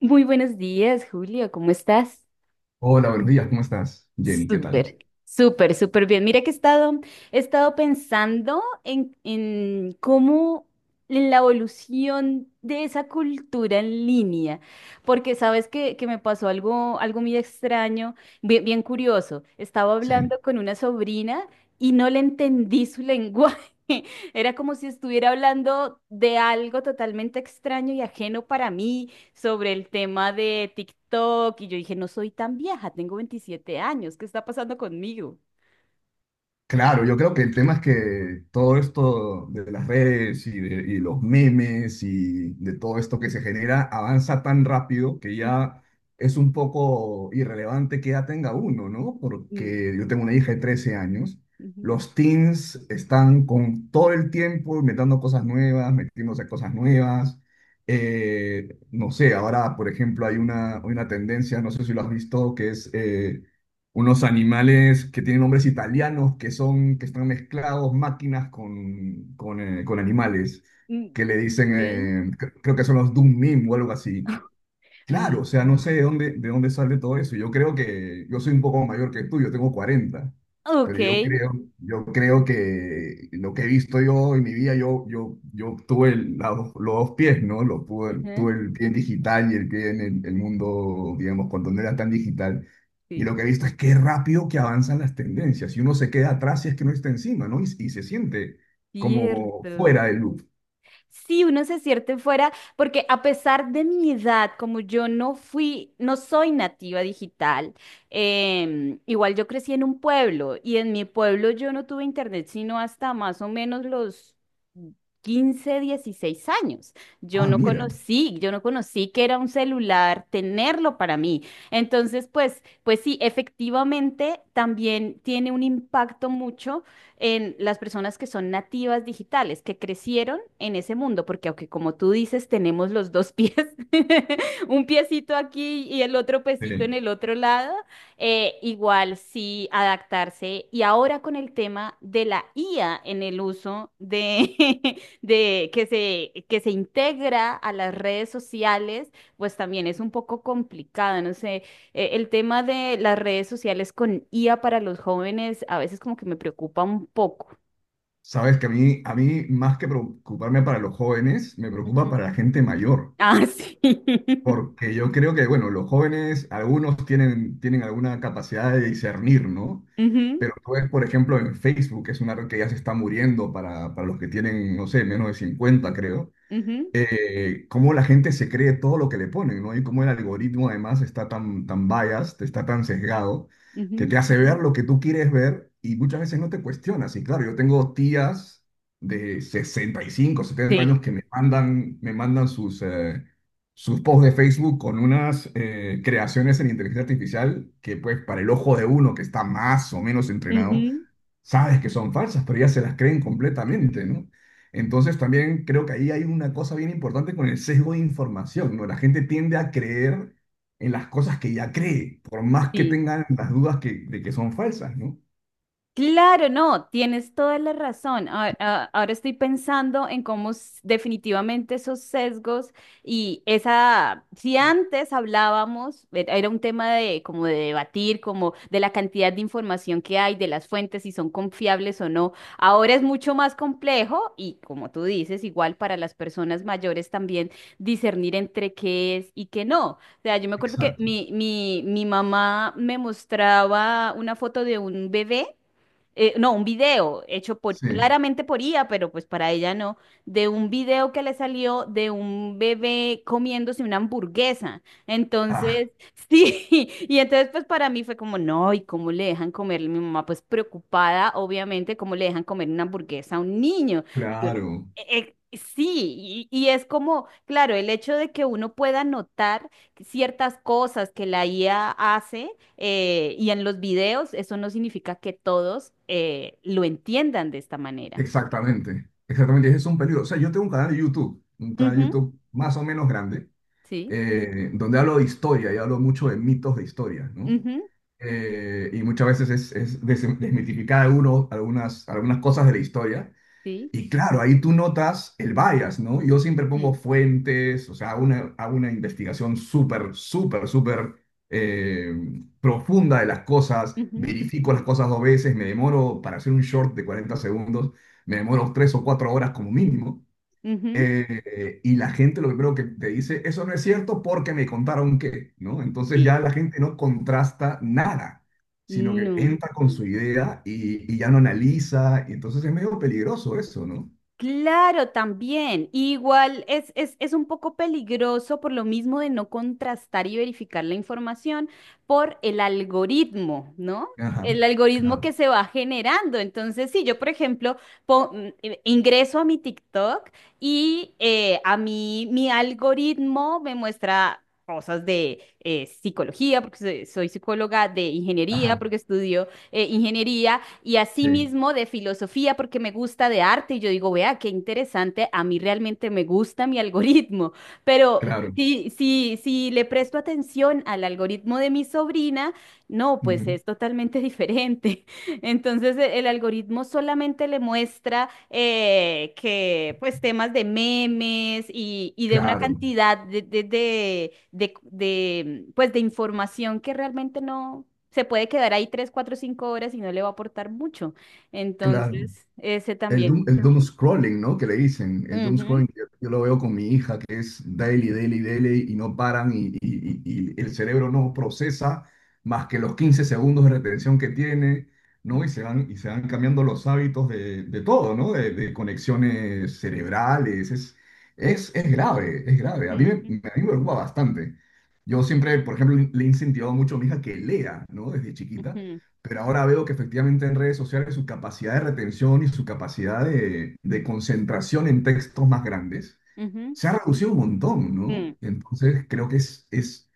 Muy buenos días, Julio. ¿Cómo estás? Hola, buenos días, ¿cómo estás, Jenny? ¿Qué tal? Súper, súper, súper bien. Mira que he estado pensando en cómo en la evolución de esa cultura en línea, porque sabes que me pasó algo muy extraño, bien, bien curioso. Estaba Sí, hablando con una sobrina y no le entendí su lenguaje. Era como si estuviera hablando de algo totalmente extraño y ajeno para mí sobre el tema de TikTok y yo dije, no soy tan vieja, tengo 27 años, ¿qué está pasando conmigo? claro, yo creo que el tema es que todo esto de las redes y los memes y de todo esto que se genera avanza tan rápido que Mm, ya es un poco irrelevante que ya tenga uno, ¿no? mm, Porque yo tengo una hija de 13 años. ujú, Los teens están con todo el tiempo inventando cosas nuevas, metiéndose cosas nuevas. No sé, ahora, por ejemplo, hay una, tendencia, no sé si lo has visto, que es unos animales que tienen nombres italianos, que están mezclados máquinas con animales, mm, que le dicen, ok. creo que son los Doom Meme o algo así. Claro, o Mm, sea, no sé de dónde, sale todo eso. Yo creo que yo soy un poco mayor que tú, yo tengo 40, ok, pero yo creo que lo que he visto yo en mi vida, yo tuve los dos pies, ¿no? Lo, tuve, ajá, tuve el pie en digital y el pie en el mundo, digamos, cuando no era tan digital. Y sí, lo que he visto es qué rápido que avanzan las tendencias y uno se queda atrás y es que no está encima, ¿no? Y se siente como cierto. fuera del loop. Sí, uno se siente fuera, porque a pesar de mi edad, como yo no fui, no soy nativa digital, igual yo crecí en un pueblo y en mi pueblo yo no tuve internet sino hasta más o menos los 15, 16 años. Ah, mira. Yo no conocí que era un celular, tenerlo para mí. Entonces, pues sí, efectivamente también tiene un impacto mucho en las personas que son nativas digitales, que crecieron en ese mundo, porque aunque como tú dices, tenemos los dos pies, un piecito aquí y el otro piecito Sí. en el otro lado, igual sí adaptarse. Y ahora con el tema de la IA en el uso de, que se integra a las redes sociales, pues también es un poco complicado, no sé. El tema de las redes sociales con IA para los jóvenes a veces como que me preocupa un poco. Sabes que a mí, más que preocuparme para los jóvenes, me preocupa Ujú. para la gente mayor, Ah, sí. porque yo creo que, bueno, los jóvenes, algunos tienen alguna capacidad de discernir, ¿no? Ujú, Pero tú ves, por ejemplo, en Facebook, que es una red que ya se está muriendo para los que tienen, no sé, menos de 50, creo, ujú, cómo la gente se cree todo lo que le ponen, ¿no? Y cómo el algoritmo además está tan, tan biased, está tan sesgado, que ujú. te hace ver lo que tú quieres ver y muchas veces no te cuestionas. Y claro, yo tengo tías de 65, 70 años Sí. que me mandan sus, sus posts de Facebook con unas creaciones en inteligencia artificial que pues para el ojo de uno que está más o menos entrenado, Ujú, sabes que son falsas, pero ya se las creen completamente, ¿no? Entonces también creo que ahí hay una cosa bien importante con el sesgo de información, ¿no? La gente tiende a creer en las cosas que ya cree, por más que sí. tengan las dudas que, de que son falsas, ¿no? Claro, no, tienes toda la razón. Ahora estoy pensando en cómo definitivamente esos sesgos y esa, si antes hablábamos, era un tema de como de debatir, como de la cantidad de información que hay, de las fuentes, si son confiables o no. Ahora es mucho más complejo y como tú dices, igual para las personas mayores también discernir entre qué es y qué no. O sea, yo me acuerdo que Exacto. mi mamá me mostraba una foto de un bebé, no, un video hecho por, Sí. claramente por IA, pero pues para ella no, de un video que le salió de un bebé comiéndose una hamburguesa. Ah, Entonces, sí, y entonces pues para mí fue como, no, ¿y cómo le dejan comer? Mi mamá pues preocupada, obviamente, cómo le dejan comer una hamburguesa a un niño. Y yo, claro. Sí, y es como, claro, el hecho de que uno pueda notar ciertas cosas que la IA hace y en los videos eso no significa que todos lo entiendan de esta manera. Exactamente. Exactamente. Ese es un peligro. O sea, yo tengo un canal de YouTube, un canal de Ujú, YouTube más o menos grande, sí, donde hablo de historia y hablo mucho de mitos de historia, ¿no? ujú, y muchas veces es desmitificar algunos, algunas cosas de la historia. sí, Y claro, ahí tú notas el bias, ¿no? Yo siempre mm, pongo fuentes, o sea, hago una investigación súper, súper, súper eh, profunda de las cosas, ujú, verifico las cosas dos veces, me demoro para hacer un short de 40 segundos, me demoro 3 o 4 horas como mínimo. ujú, Y la gente lo primero que te dice, eso no es cierto porque me contaron que, ¿no? Entonces sí, ya la gente no contrasta nada, sino que no. entra con su idea y ya no analiza, y entonces es medio peligroso eso, ¿no? Claro, también. Igual es un poco peligroso por lo mismo de no contrastar y verificar la información por el algoritmo, ¿no? Ajá, El algoritmo claro, que se va generando. Entonces, si yo, por ejemplo, ingreso a mi TikTok y a mí mi algoritmo me muestra cosas de psicología, porque soy psicóloga, de ingeniería, ajá, porque estudio ingeniería y sí, asimismo de filosofía porque me gusta de arte y yo digo, vea, qué interesante, a mí realmente me gusta mi algoritmo, pero claro, si le presto atención al algoritmo de mi sobrina, no, pues ujú, es totalmente diferente. Entonces el algoritmo solamente le muestra que pues temas de memes y de una claro, cantidad pues de información que realmente no se puede quedar ahí 3, 4, 5 horas y no le va a aportar mucho. claro. Entonces, ese también. El doom scrolling, ¿no? Que le dicen. El doom Ujú, scrolling, yo lo veo con mi hija, que es daily, daily, daily, y no paran, y el cerebro no procesa más que los 15 segundos de retención que tiene, ¿no? Y se van cambiando los hábitos de todo, ¿no? De conexiones cerebrales. Es grave, es grave. A mí me, ujú, me- a mí me preocupa bastante. Yo siempre, por ejemplo, le he incentivado mucho a mi hija que lea, ¿no? Desde chiquita, ujú, pero ahora veo que efectivamente en redes sociales su capacidad de retención y su capacidad de concentración en textos más grandes ujú, ujú, se ha reducido un montón, ¿no? mm, Entonces creo que es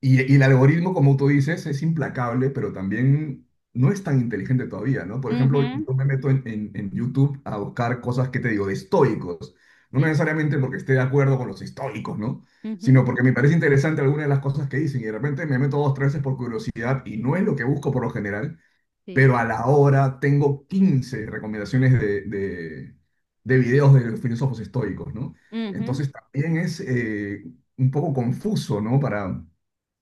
y el algoritmo, como tú dices, es implacable, pero también no es tan inteligente todavía, ¿no? Por ejemplo, ujú, yo me meto en, en YouTube a buscar cosas que te digo, de estoicos, no sí. necesariamente porque esté de acuerdo con los estoicos, ¿no? Ujú, Sino porque me parece interesante alguna de las cosas que dicen y de repente me meto dos, tres veces por curiosidad y no es lo que busco por lo general, sí. pero a la hora tengo 15 recomendaciones de videos de los filósofos estoicos, ¿no? Ujú, Entonces también es un poco confuso, ¿no? Para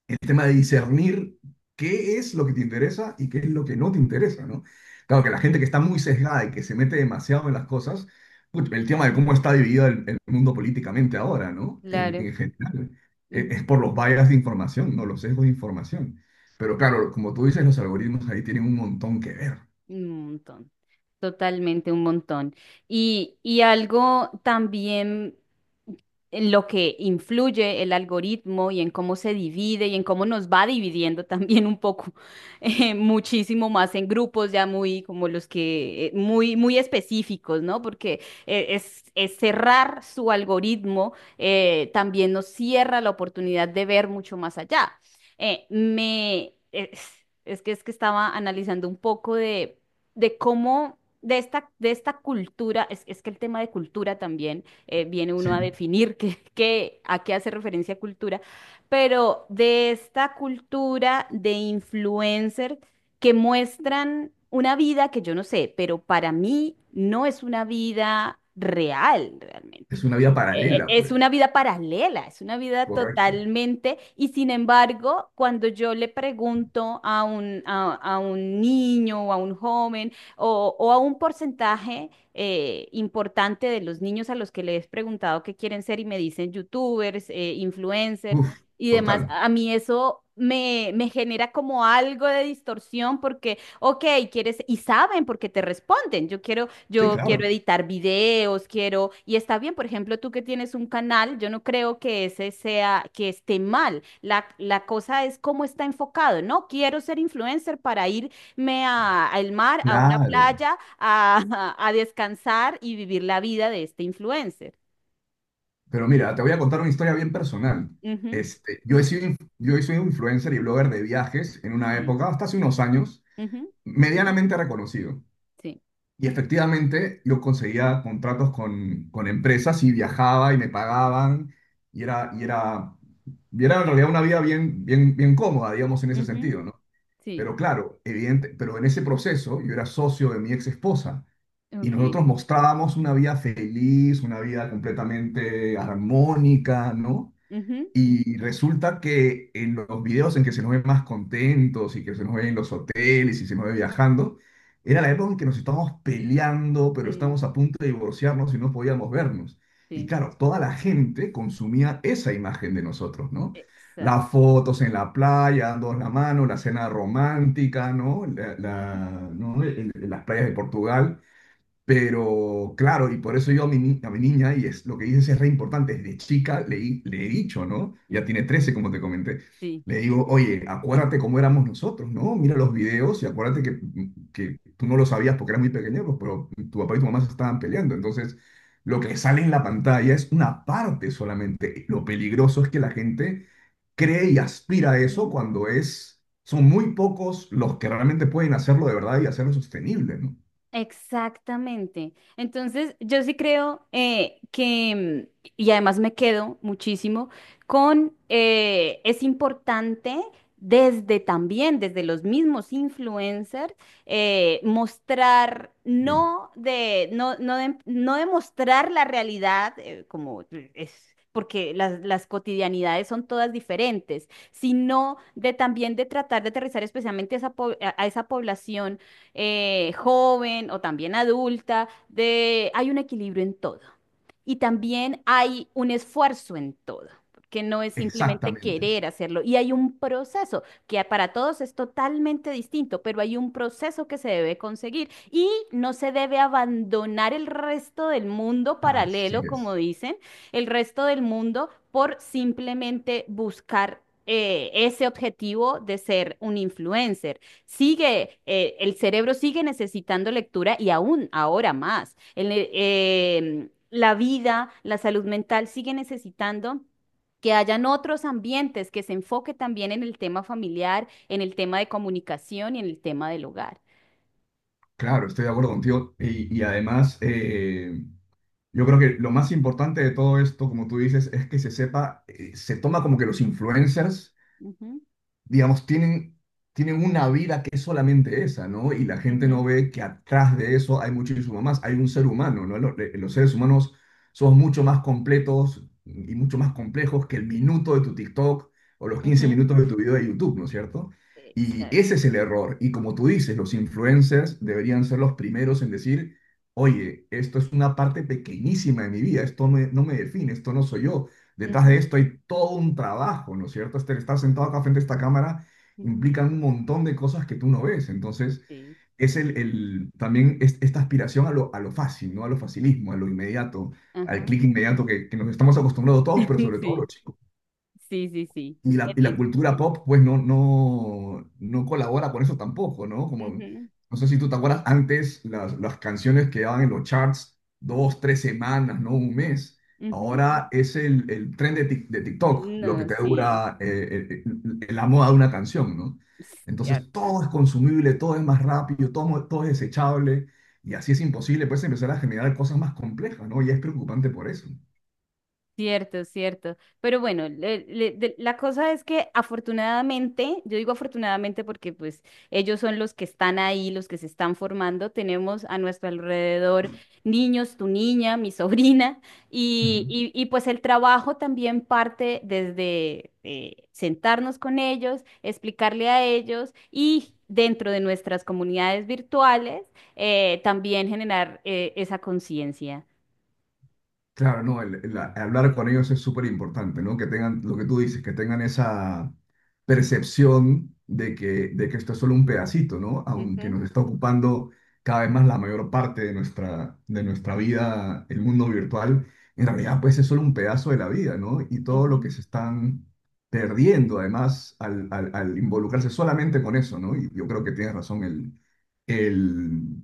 el tema de discernir qué es lo que te interesa y qué es lo que no te interesa, ¿no? Claro que la gente que sí, está muy sesgada y que se mete demasiado en las cosas, put, el tema de cómo está dividido el mundo políticamente ahora, ¿no? Claro. En general, es por los bias de información, ¿no? Los sesgos de información. Pero claro, como tú dices, los algoritmos ahí tienen un montón que ver, Un montón, totalmente un montón. Y algo también en lo que influye el algoritmo y en cómo se divide y en cómo nos va dividiendo también un poco, muchísimo más en grupos ya muy como los que, muy, muy específicos, ¿no? Porque es cerrar su algoritmo, también nos cierra la oportunidad de ver mucho más allá, eh, me es, es que estaba analizando un poco de cómo de esta cultura, es que el tema de cultura también viene ¿sí? uno a definir qué, a qué hace referencia cultura, pero de esta cultura de influencer que muestran una vida que yo no sé, pero para mí no es una vida real realmente. Es una vida paralela, Es una pues. vida paralela, es una vida Correcto. totalmente, y sin embargo, cuando yo le pregunto a un niño o a un joven o a un porcentaje importante de los niños a los que les he preguntado qué quieren ser y me dicen youtubers, influencers Uf, y demás, total. a mí eso me genera como algo de distorsión porque, ok, quieres, y saben porque te responden, Sí, Yo quiero claro. editar videos, quiero, y está bien, por ejemplo, tú que tienes un canal, yo no creo que ese sea, que esté mal. La cosa es cómo está enfocado, ¿no? Quiero ser influencer para irme al mar, a una Claro. playa, a, a descansar y vivir la vida de este influencer. Pero mira, te voy a contar una historia bien personal. Ujú, yo soy un influencer y blogger de viajes en una sí, época, hasta hace unos años, ujú, medianamente reconocido. sí, Y efectivamente yo conseguía contratos con empresas y viajaba y me pagaban y era, en realidad una vida bien, bien, bien cómoda, digamos, en ese ujú, sentido, ¿no? sí, Pero claro, evidente, pero en ese proceso yo era socio de mi ex esposa y ok, nosotros mostrábamos una vida feliz, una vida completamente armónica, ¿no? ujú, Y resulta que en los videos en que se nos ve más contentos y que se nos ve en los hoteles y se nos ve viajando, era la época en que nos estábamos peleando, pero mm, estábamos a punto de divorciarnos y no podíamos vernos. Y sí, claro, toda la gente consumía esa imagen de nosotros, ¿no? exacto, Las fotos en la playa, dando la mano, la cena romántica, ¿no? Ujú, Las playas de Portugal. Pero claro, y por eso yo a mi, ni- a mi niña, y es lo que dices, es re importante, desde chica le he dicho, ¿no? Ya ujú, tiene 13, como te comenté. sí. Le digo, oye, acuérdate cómo éramos nosotros, ¿no? Mira los videos y acuérdate que tú no lo sabías porque eras muy pequeño, pues, pero tu papá y tu mamá se estaban peleando. Entonces, lo que sale en la pantalla es una parte solamente. Lo peligroso es que la gente cree y aspira a eso Ujú, cuando es, son muy pocos los que realmente pueden hacerlo de verdad y hacerlo sostenible, ¿no? exactamente. Entonces, yo sí creo, y además me quedo muchísimo es importante desde también, desde los mismos influencers, mostrar, Sí. no de mostrar la realidad como es. Porque las cotidianidades son todas diferentes, sino de también de tratar de aterrizar especialmente a esa a esa población joven o también adulta, hay un equilibrio en todo. Y también hay un esfuerzo en todo, que no es simplemente Exactamente, querer hacerlo. Y hay un proceso que para todos es totalmente distinto, pero hay un proceso que se debe conseguir y no se debe abandonar el resto del mundo así paralelo, es. como dicen, el resto del mundo por simplemente buscar ese objetivo de ser un influencer sigue, el cerebro sigue necesitando lectura y aún ahora más. La vida, la salud mental sigue necesitando que hayan otros ambientes que se enfoque también en el tema familiar, en el tema de comunicación y en el tema del hogar. Claro, estoy de acuerdo contigo. Y además, yo creo que lo más importante de todo esto, como tú dices, es que se sepa. Se toma como que los influencers, Ujú, digamos, tienen, tienen una vida que es solamente esa, ¿no? Y la gente no ujú, ve que atrás de eso hay muchísimo más, hay un ser humano, ¿no? Los seres humanos somos mucho más completos y mucho más complejos que el minuto de tu TikTok o los quince ujú. minutos de tu video de YouTube, ¿no es cierto? Y Exacto. ese es el error. Y como tú dices, los influencers deberían ser los primeros en decir, oye, esto es una parte pequeñísima de mi vida, no me define, esto no soy yo. Detrás de Ujú, esto hay todo un trabajo, ¿no es cierto? Estar sentado acá frente a esta cámara ujú. implica un montón de cosas que tú no ves. Entonces, Sí. es el también esta aspiración a lo fácil, ¿no? A lo facilismo, a lo inmediato, al Ajá. clic inmediato que nos estamos acostumbrados todos, pero sobre todo los Sí, chicos sí, sí, sí. Es y la bien. cultura pop, pues no, no, no colabora con eso tampoco, ¿no? Como, Ujú, no sé si tú te acuerdas, antes las, canciones quedaban en los charts 2, 3 semanas, ¿no? Un mes. ujú. Ahora es el tren de, de TikTok lo que No, te sí, dura la moda de una canción, ¿no? Entonces cierto. todo es consumible, todo es más rápido, todo, todo es desechable y así es imposible, pues, empezar a generar cosas más complejas, ¿no? Y es preocupante por eso. Cierto, cierto. Pero bueno, la cosa es que afortunadamente, yo digo afortunadamente porque pues ellos son los que están ahí, los que se están formando. Tenemos a nuestro alrededor niños, tu niña, mi sobrina, pues el trabajo también parte desde sentarnos con ellos, explicarle a ellos y dentro de nuestras comunidades virtuales también generar esa conciencia. Claro, no, el, el hablar con ellos es súper importante, ¿no? Que tengan lo que tú dices, que tengan esa percepción de que esto es solo un pedacito, ¿no? Aunque Ujú, nos está ocupando cada vez más la mayor parte de nuestra vida, el mundo virtual, en realidad pues es solo un pedazo de la vida, ¿no? Y todo lo ujú. que se están perdiendo además al, al involucrarse solamente con eso, ¿no? Y yo creo que tienes razón, el, el,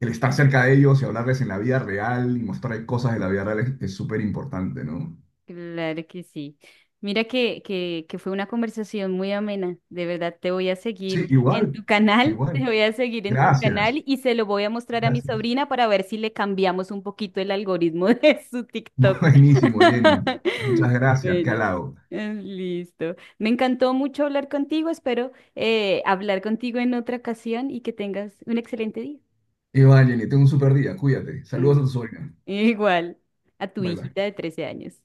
el estar cerca de ellos y hablarles en la vida real y mostrarles cosas de la vida real es súper importante, ¿no? Claro que sí. Mira que fue una conversación muy amena. De verdad, te voy a seguir Sí, en igual, tu canal, te igual. voy a seguir en tu canal Gracias, y se lo voy a mostrar a mi gracias. sobrina para ver si le cambiamos un poquito el algoritmo de su TikTok. Buenísimo, Jenny. Muchas gracias, qué Bueno, halago. Listo. Me encantó mucho hablar contigo. Espero hablar contigo en otra ocasión y que tengas un excelente día. Y va, Jenny, tengo un súper día, cuídate. Saludos a Mm, tu sobrina. igual a tu Bye, bye. hijita de 13 años.